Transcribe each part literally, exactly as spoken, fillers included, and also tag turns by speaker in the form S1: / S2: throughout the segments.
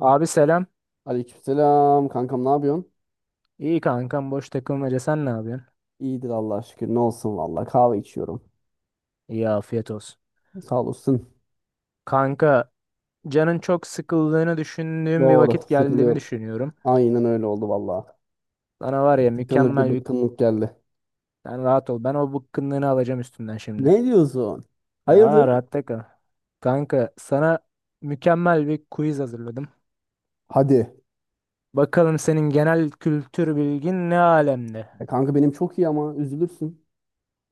S1: Abi selam.
S2: Aleykümselam kankam, ne yapıyorsun?
S1: İyi kankam boş takılmaca sen ne yapıyorsun?
S2: İyidir, Allah'a şükür, ne olsun, valla kahve içiyorum.
S1: İyi afiyet olsun.
S2: Sağ olasın.
S1: Kanka canın çok sıkıldığını düşündüğüm bir
S2: Doğru,
S1: vakit geldiğimi
S2: sıkılıyorum.
S1: düşünüyorum.
S2: Aynen öyle oldu valla.
S1: Sana var ya
S2: Tıkınlık bir
S1: mükemmel bir...
S2: bıkkınlık geldi.
S1: Sen rahat ol. Ben o bıkkınlığını alacağım üstünden şimdi.
S2: Ne diyorsun?
S1: Aa
S2: Hayırdır?
S1: rahatta kal. Kanka sana mükemmel bir quiz hazırladım.
S2: Hadi.
S1: Bakalım senin genel kültür bilgin ne alemde?
S2: E kanka benim çok iyi ama üzülürsün.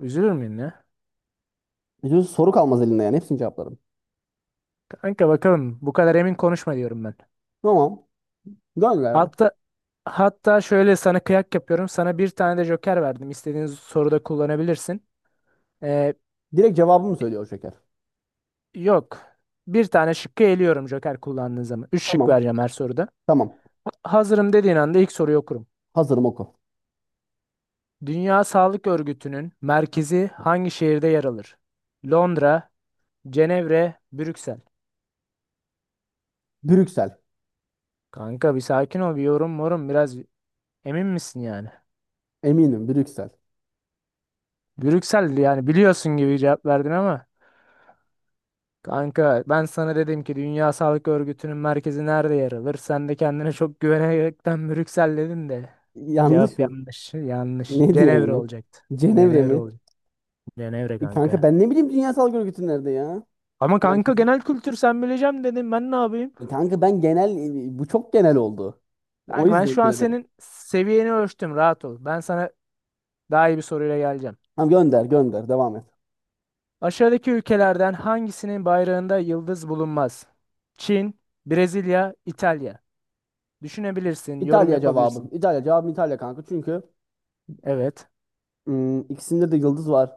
S1: Üzülür müyüm ya?
S2: Üzülürsün, soru kalmaz elinde, yani hepsini cevaplarım.
S1: Kanka bakalım bu kadar emin konuşma diyorum ben.
S2: Tamam. Gönder ya.
S1: Hatta hatta şöyle sana kıyak yapıyorum. Sana bir tane de joker verdim. İstediğin soruda kullanabilirsin. Ee,
S2: Direkt cevabımı söylüyor şeker.
S1: yok. Bir tane şıkkı eliyorum joker kullandığın zaman. Üç şık
S2: Tamam.
S1: vereceğim her soruda.
S2: Tamam.
S1: Ha- Hazırım dediğin anda ilk soruyu okurum.
S2: Hazırım, oku.
S1: Dünya Sağlık Örgütü'nün merkezi hangi şehirde yer alır? Londra, Cenevre, Brüksel.
S2: Brüksel.
S1: Kanka bir sakin ol, bir yorum morum biraz emin misin yani?
S2: Eminim, Brüksel.
S1: Brüksel yani biliyorsun gibi cevap verdin ama. Kanka ben sana dedim ki Dünya Sağlık Örgütü'nün merkezi nerede yer alır? Sen de kendine çok güvenerekten Brüksel dedin de.
S2: Yanlış
S1: Cevap
S2: mı?
S1: yanlış. Yanlış.
S2: Ne diyorsun
S1: Cenevre
S2: ya?
S1: olacaktı.
S2: Cenevre
S1: Cenevre
S2: mi?
S1: olacak. Cenevre
S2: E kanka,
S1: kanka.
S2: ben ne bileyim Dünya Sağlık Örgütü nerede ya?
S1: Ama kanka
S2: Merkezi.
S1: genel kültür sen bileceğim dedim. Ben ne yapayım?
S2: E kanka ben genel e, bu çok genel oldu. O
S1: Kanka ben
S2: yüzden
S1: şu an
S2: bilemedim.
S1: senin seviyeni ölçtüm. Rahat ol. Ben sana daha iyi bir soruyla geleceğim.
S2: Tamam, gönder gönder, devam et.
S1: Aşağıdaki ülkelerden hangisinin bayrağında yıldız bulunmaz? Çin, Brezilya, İtalya. Düşünebilirsin, yorum
S2: İtalya cevabım.
S1: yapabilirsin.
S2: İtalya cevabım, İtalya kanka, çünkü
S1: Evet.
S2: hmm, ikisinde de yıldız var.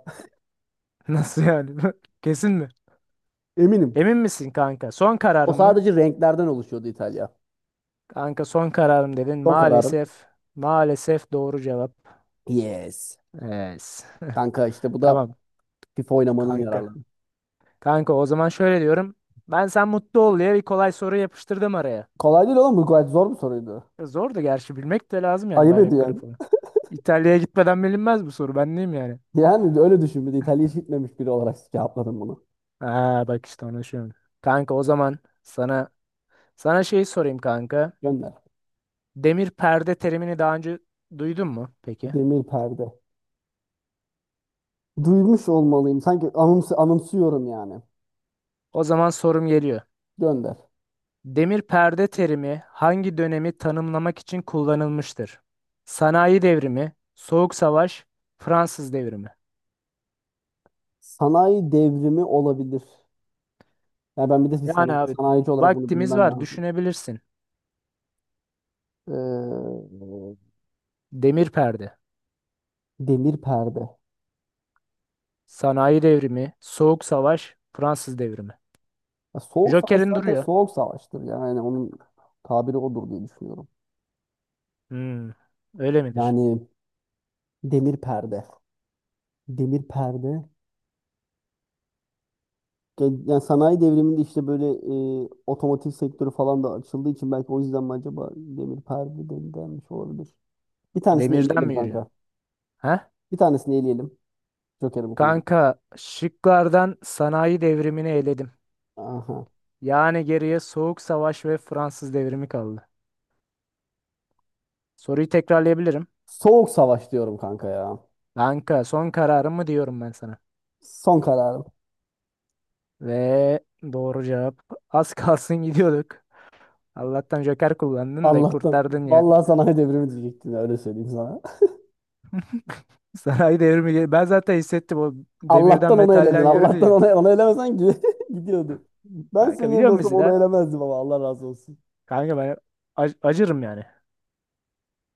S1: Nasıl yani? Kesin mi?
S2: Eminim.
S1: Emin misin kanka? Son
S2: O
S1: kararın mı?
S2: sadece renklerden oluşuyordu, İtalya.
S1: Kanka son kararım dedin.
S2: Son kararım.
S1: Maalesef. Maalesef doğru cevap.
S2: Yes.
S1: Evet.
S2: Kanka işte bu da
S1: Tamam
S2: FIFA oynamanın
S1: kanka.
S2: yararları.
S1: Kanka o zaman şöyle diyorum. Ben sen mutlu ol diye bir kolay soru yapıştırdım araya.
S2: Kolay değil oğlum, bu gayet zor bir soruydu.
S1: Zordu gerçi bilmek de lazım yani
S2: Ayıp
S1: bayrakları
S2: ediyorsun.
S1: falan. İtalya'ya gitmeden bilinmez bu soru. Ben neyim yani?
S2: Yani öyle düşün, bir de İtalya'ya hiç gitmemiş biri olarak cevapladım bunu.
S1: Aa bak işte onu düşünüyorum. Kanka o zaman sana sana şeyi sorayım kanka.
S2: Gönder.
S1: Demir perde terimini daha önce duydun mu peki?
S2: Demir perde. Duymuş olmalıyım. Sanki anımsı anımsıyorum yani.
S1: O zaman sorum geliyor.
S2: Gönder.
S1: Demir perde terimi hangi dönemi tanımlamak için kullanılmıştır? Sanayi devrimi, Soğuk Savaş, Fransız devrimi.
S2: Sanayi devrimi olabilir. Yani ben bir de bir
S1: Yani
S2: sana-
S1: abi
S2: sanayici olarak bunu
S1: vaktimiz
S2: bilmem
S1: var
S2: lazım.
S1: düşünebilirsin.
S2: Ee,
S1: Demir perde,
S2: Demir perde.
S1: sanayi devrimi, Soğuk Savaş, Fransız devrimi.
S2: Ya soğuk savaş
S1: Joker'in
S2: zaten
S1: duruyor.
S2: soğuk savaştır. Yani onun tabiri odur diye düşünüyorum.
S1: Hmm, öyle midir?
S2: Yani demir perde. Demir perde. Ge- Yani sanayi devriminde işte böyle e, otomotiv sektörü falan da açıldığı için, belki o yüzden mi acaba demir perde den- denmiş olabilir. Bir tanesini
S1: Demirden
S2: eleyelim
S1: mi yürüyor?
S2: kanka.
S1: Ha?
S2: Bir tanesini eleyelim. Joker'imi kullandım.
S1: Kanka şıklardan sanayi devrimini eledim.
S2: Aha.
S1: Yani geriye Soğuk Savaş ve Fransız devrimi kaldı. Soruyu tekrarlayabilirim.
S2: Soğuk savaş diyorum kanka ya.
S1: Kanka son kararımı diyorum ben sana.
S2: Son kararım.
S1: Ve doğru cevap. Az kalsın gidiyorduk. Allah'tan Joker kullandın da
S2: Allah'tan.
S1: kurtardın yani.
S2: Vallahi sanayi devrimi diyecektim ya, öyle söyleyeyim sana.
S1: Sanayi devrimi. gel- Ben zaten hissettim o demirden
S2: Allah'tan onu eledin.
S1: metalden yürüdü
S2: Allah'tan
S1: ya.
S2: onu, onu elemesen gi- gidiyordu. Ben
S1: Kanka
S2: senin
S1: biliyor
S2: yerinde
S1: musun
S2: olsam
S1: bizi
S2: onu
S1: de?
S2: elemezdim, ama Allah razı olsun.
S1: Kanka ben ac- acırım yani.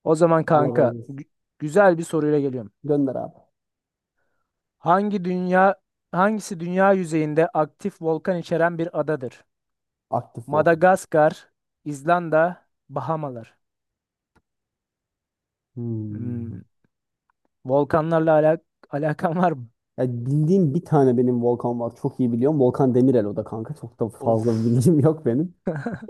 S1: O zaman
S2: Allah razı
S1: kanka
S2: olsun.
S1: gü- güzel bir soruyla geliyorum.
S2: Gönder abi.
S1: Hangi dünya Hangisi dünya yüzeyinde aktif volkan içeren bir adadır?
S2: Aktif volkan.
S1: Madagaskar, İzlanda, Bahamalar. Hmm,
S2: Hmm.
S1: volkanlarla alak alakan var mı?
S2: Ya bildiğim bir tane benim volkan var. Çok iyi biliyorum. Volkan Demirel, o da kanka. Çok da fazla
S1: Of.
S2: bilgim yok benim.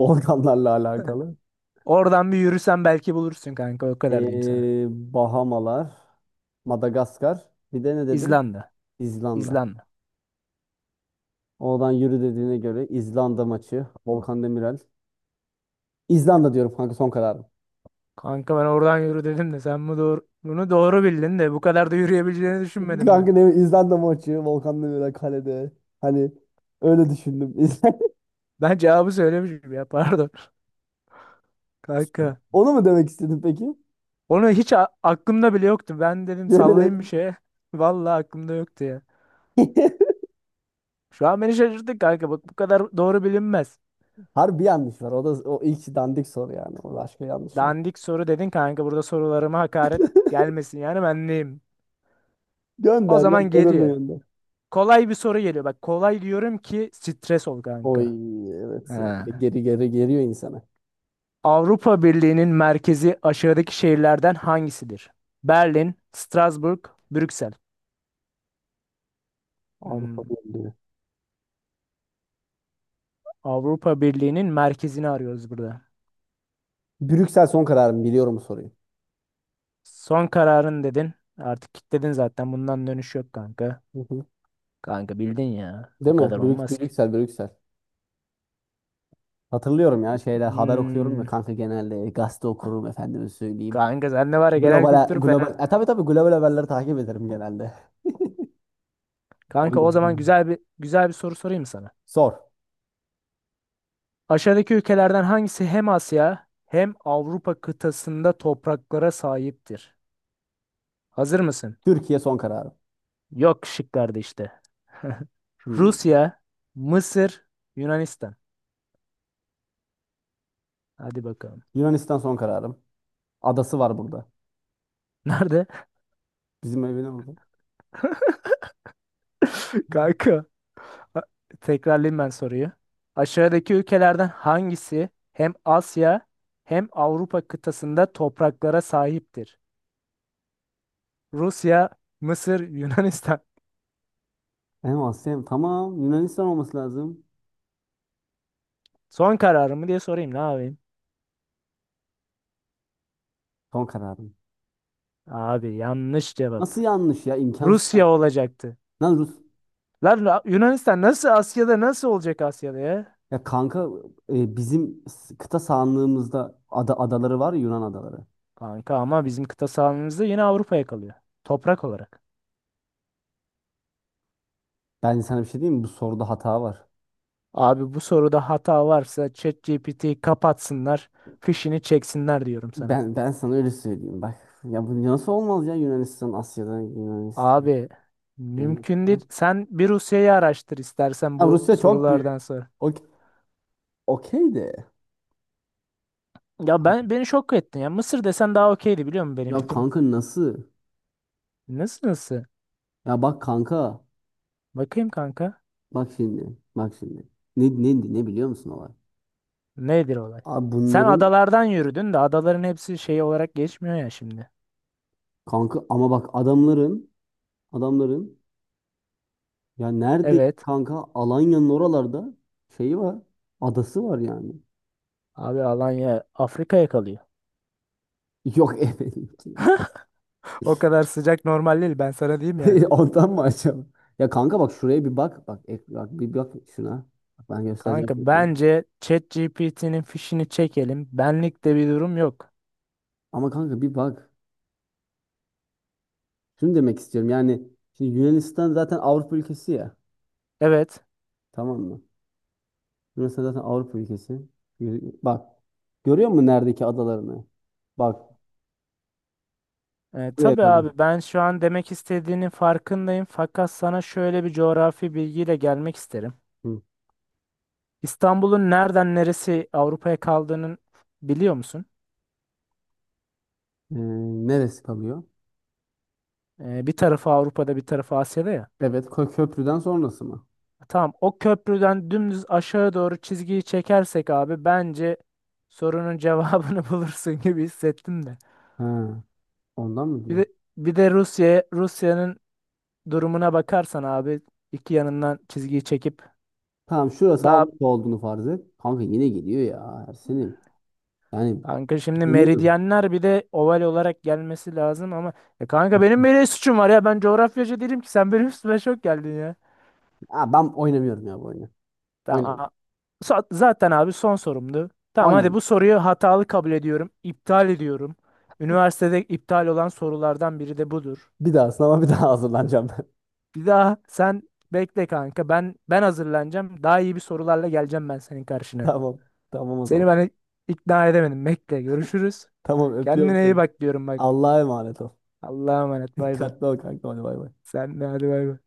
S2: Volkanlarla alakalı.
S1: Oradan bir yürüsen belki bulursun kanka. O kadar diyeyim sana.
S2: Ee, Bahamalar, Madagaskar, bir de ne dedin?
S1: İzlanda.
S2: İzlanda.
S1: İzlanda.
S2: Oradan yürü dediğine göre, İzlanda maçı, Volkan Demirel. İzlanda diyorum kanka, son kararım.
S1: Kanka ben oradan yürü dedim de sen bu doğru, bunu doğru bildin de bu kadar da yürüyebileceğini düşünmedim ben.
S2: Kanka, ne İzlanda maçı, Volkan Demirel kalede. Hani öyle düşündüm.
S1: Ben cevabı söylemişim ya pardon. Kanka.
S2: Onu mu demek istedin peki?
S1: Onu hiç a- aklımda bile yoktu. Ben dedim
S2: Yemin et.
S1: sallayayım bir şeye. Vallahi aklımda yoktu ya. Şu an beni şaşırttın kanka. Bak bu kadar doğru bilinmez.
S2: Harbi yanlış var. O da o ilk dandik soru yani. O, başka yanlış var.
S1: Dandik soru dedin kanka. Burada sorularıma hakaret gelmesin yani ben neyim? O
S2: Gönder, gönder.
S1: zaman
S2: Öbürüne
S1: geliyor.
S2: gönder.
S1: Kolay bir soru geliyor. Bak kolay diyorum ki stres ol
S2: Oy,
S1: kanka.
S2: evet ya.
S1: Ha.
S2: Geri geri geliyor insana.
S1: Avrupa Birliği'nin merkezi aşağıdaki şehirlerden hangisidir? Berlin, Strasbourg, Brüksel.
S2: Avrupa
S1: Hmm.
S2: Birliği.
S1: Avrupa Birliği'nin merkezini arıyoruz burada.
S2: Brüksel, son kararım, biliyorum bu soruyu.
S1: Son kararın dedin. Artık kilitledin zaten. Bundan dönüş yok kanka.
S2: Hı hı.
S1: Kanka bildin ya. Bu
S2: Değil mi?
S1: kadar
S2: Brük,
S1: olmaz ki.
S2: Brüksel, Brüksel. Hatırlıyorum ya, şeyler haber okuyorum ya
S1: Hmm.
S2: kanka, genelde gazete okurum efendime söyleyeyim.
S1: Kanka sende var ya genel
S2: Global
S1: kültür
S2: global e,
S1: fena.
S2: tabii tabii, global haberleri takip ederim genelde. O
S1: Kanka o zaman
S2: yüzden.
S1: güzel bir güzel bir soru sorayım sana.
S2: Sor.
S1: Aşağıdaki ülkelerden hangisi hem Asya hem Avrupa kıtasında topraklara sahiptir? Hazır mısın?
S2: Türkiye, son kararım.
S1: Yok şıklarda işte.
S2: Hmm.
S1: Rusya, Mısır, Yunanistan. Hadi bakalım.
S2: Yunanistan, son kararım. Adası var burada.
S1: Nerede?
S2: Bizim evine burada.
S1: Kanka. a- Tekrarlayayım ben soruyu. Aşağıdaki ülkelerden hangisi hem Asya hem Avrupa kıtasında topraklara sahiptir? Rusya, Mısır, Yunanistan.
S2: Hem Asya hem- tamam, Yunanistan olması lazım.
S1: Son kararımı diye sorayım ne yapayım?
S2: Son kararım.
S1: Abi yanlış cevap.
S2: Nasıl yanlış ya? İmkansız
S1: Rusya
S2: yanlış.
S1: olacaktı.
S2: Lan Rus.
S1: Lan Ra- Yunanistan nasıl Asya'da nasıl olacak Asya'da ya?
S2: Ya kanka, e, bizim s- kıta sahanlığımızda ada adaları var ya, Yunan adaları.
S1: Kanka ama bizim kıta sahamızda yine Avrupa'ya kalıyor. Toprak olarak.
S2: Ben sana bir şey diyeyim mi? Bu soruda hata var.
S1: Abi bu soruda hata varsa ChatGPT'yi kapatsınlar. Fişini çeksinler diyorum sana.
S2: Ben ben sana öyle söyleyeyim bak. Ya bu nasıl olmaz ya, Yunanistan Asya'da, Yunanistan.
S1: Abi mümkün değil.
S2: Yunanistan.
S1: Sen bir Rusya'yı araştır istersen
S2: Ya
S1: bu
S2: Rusya çok büyük.
S1: sorulardan sonra.
S2: Okey, okey de.
S1: Ya ben beni şok ettin ya. Mısır desen daha okeydi biliyor musun benim
S2: Ya
S1: için?
S2: kanka, nasıl?
S1: Nasıl nasıl?
S2: Ya bak kanka.
S1: Bakayım kanka.
S2: Bak şimdi. Bak şimdi. Ne ne ne biliyor musun olay?
S1: Nedir olay?
S2: Abi
S1: Sen
S2: bunların,
S1: adalardan yürüdün de adaların hepsi şey olarak geçmiyor ya şimdi.
S2: kanka, ama bak adamların adamların. Ya nerede
S1: Evet.
S2: kanka? Alanya'nın oralarda şeyi var. Adası var yani.
S1: Abi Alanya Afrika'ya kalıyor.
S2: Yok efendim.
S1: O kadar sıcak normal değil ben sana diyeyim yani.
S2: Ondan mı acaba? Ya kanka, bak şuraya bir bak. Bak, ek- bak, bir bak şuna. Bak, ben göstereceğim
S1: Kanka
S2: şimdi sana.
S1: bence ChatGPT'nin fişini çekelim. Benlik de bir durum yok.
S2: Ama kanka bir bak. Şunu demek istiyorum. Yani şimdi Yunanistan zaten Avrupa ülkesi ya.
S1: Evet.
S2: Tamam mı? Yunanistan zaten Avrupa ülkesi. Yürü- Bak. Görüyor musun neredeki adalarını? Bak.
S1: E,
S2: Buraya
S1: tabii
S2: kadar.
S1: abi ben şu an demek istediğinin farkındayım. Fakat sana şöyle bir coğrafi bilgiyle gelmek isterim.
S2: Hı.
S1: İstanbul'un nereden neresi Avrupa'ya kaldığının biliyor musun?
S2: Ee, neresi kalıyor?
S1: E, bir tarafı Avrupa'da bir tarafı Asya'da ya.
S2: Evet. Kö- Köprüden sonrası mı?
S1: Tamam o köprüden dümdüz aşağı doğru çizgiyi çekersek abi bence sorunun cevabını bulursun gibi hissettim de.
S2: Ha. Ondan mı
S1: Bir
S2: diyor?
S1: de bir de Rusya Rusya'nın durumuna bakarsan abi iki yanından çizgiyi çekip
S2: Tamam, şurası
S1: daha
S2: Avrupa olduğunu farz et. Kanka yine geliyor ya Ersin'im. Yani
S1: kanka şimdi
S2: bilmiyorum.
S1: meridyenler bir de oval olarak gelmesi lazım ama ya kanka benim böyle suçum var ya ben coğrafyacı değilim ki sen benim üstüme şok geldin ya.
S2: Ha, ben oynamıyorum ya bu oyunu. Oynamıyorum.
S1: Tamam Sa- Zaten abi son sorumdu. Tamam hadi bu
S2: Oynamıyorum.
S1: soruyu hatalı kabul ediyorum. İptal ediyorum. Üniversitede iptal olan sorulardan biri de budur.
S2: Bir daha sınava bir daha hazırlanacağım ben.
S1: Bir daha sen bekle kanka. Ben ben hazırlanacağım. Daha iyi bir sorularla geleceğim ben senin karşına.
S2: Tamam. Tamam o
S1: Seni
S2: zaman.
S1: ben ikna edemedim. Bekle görüşürüz.
S2: Tamam, öpüyorum
S1: Kendine iyi
S2: seni.
S1: bak diyorum bak.
S2: Allah'a emanet ol.
S1: Allah'a emanet bay bay.
S2: Dikkatli ol kanka. Hadi bay bay.
S1: Sen de hadi bay bay.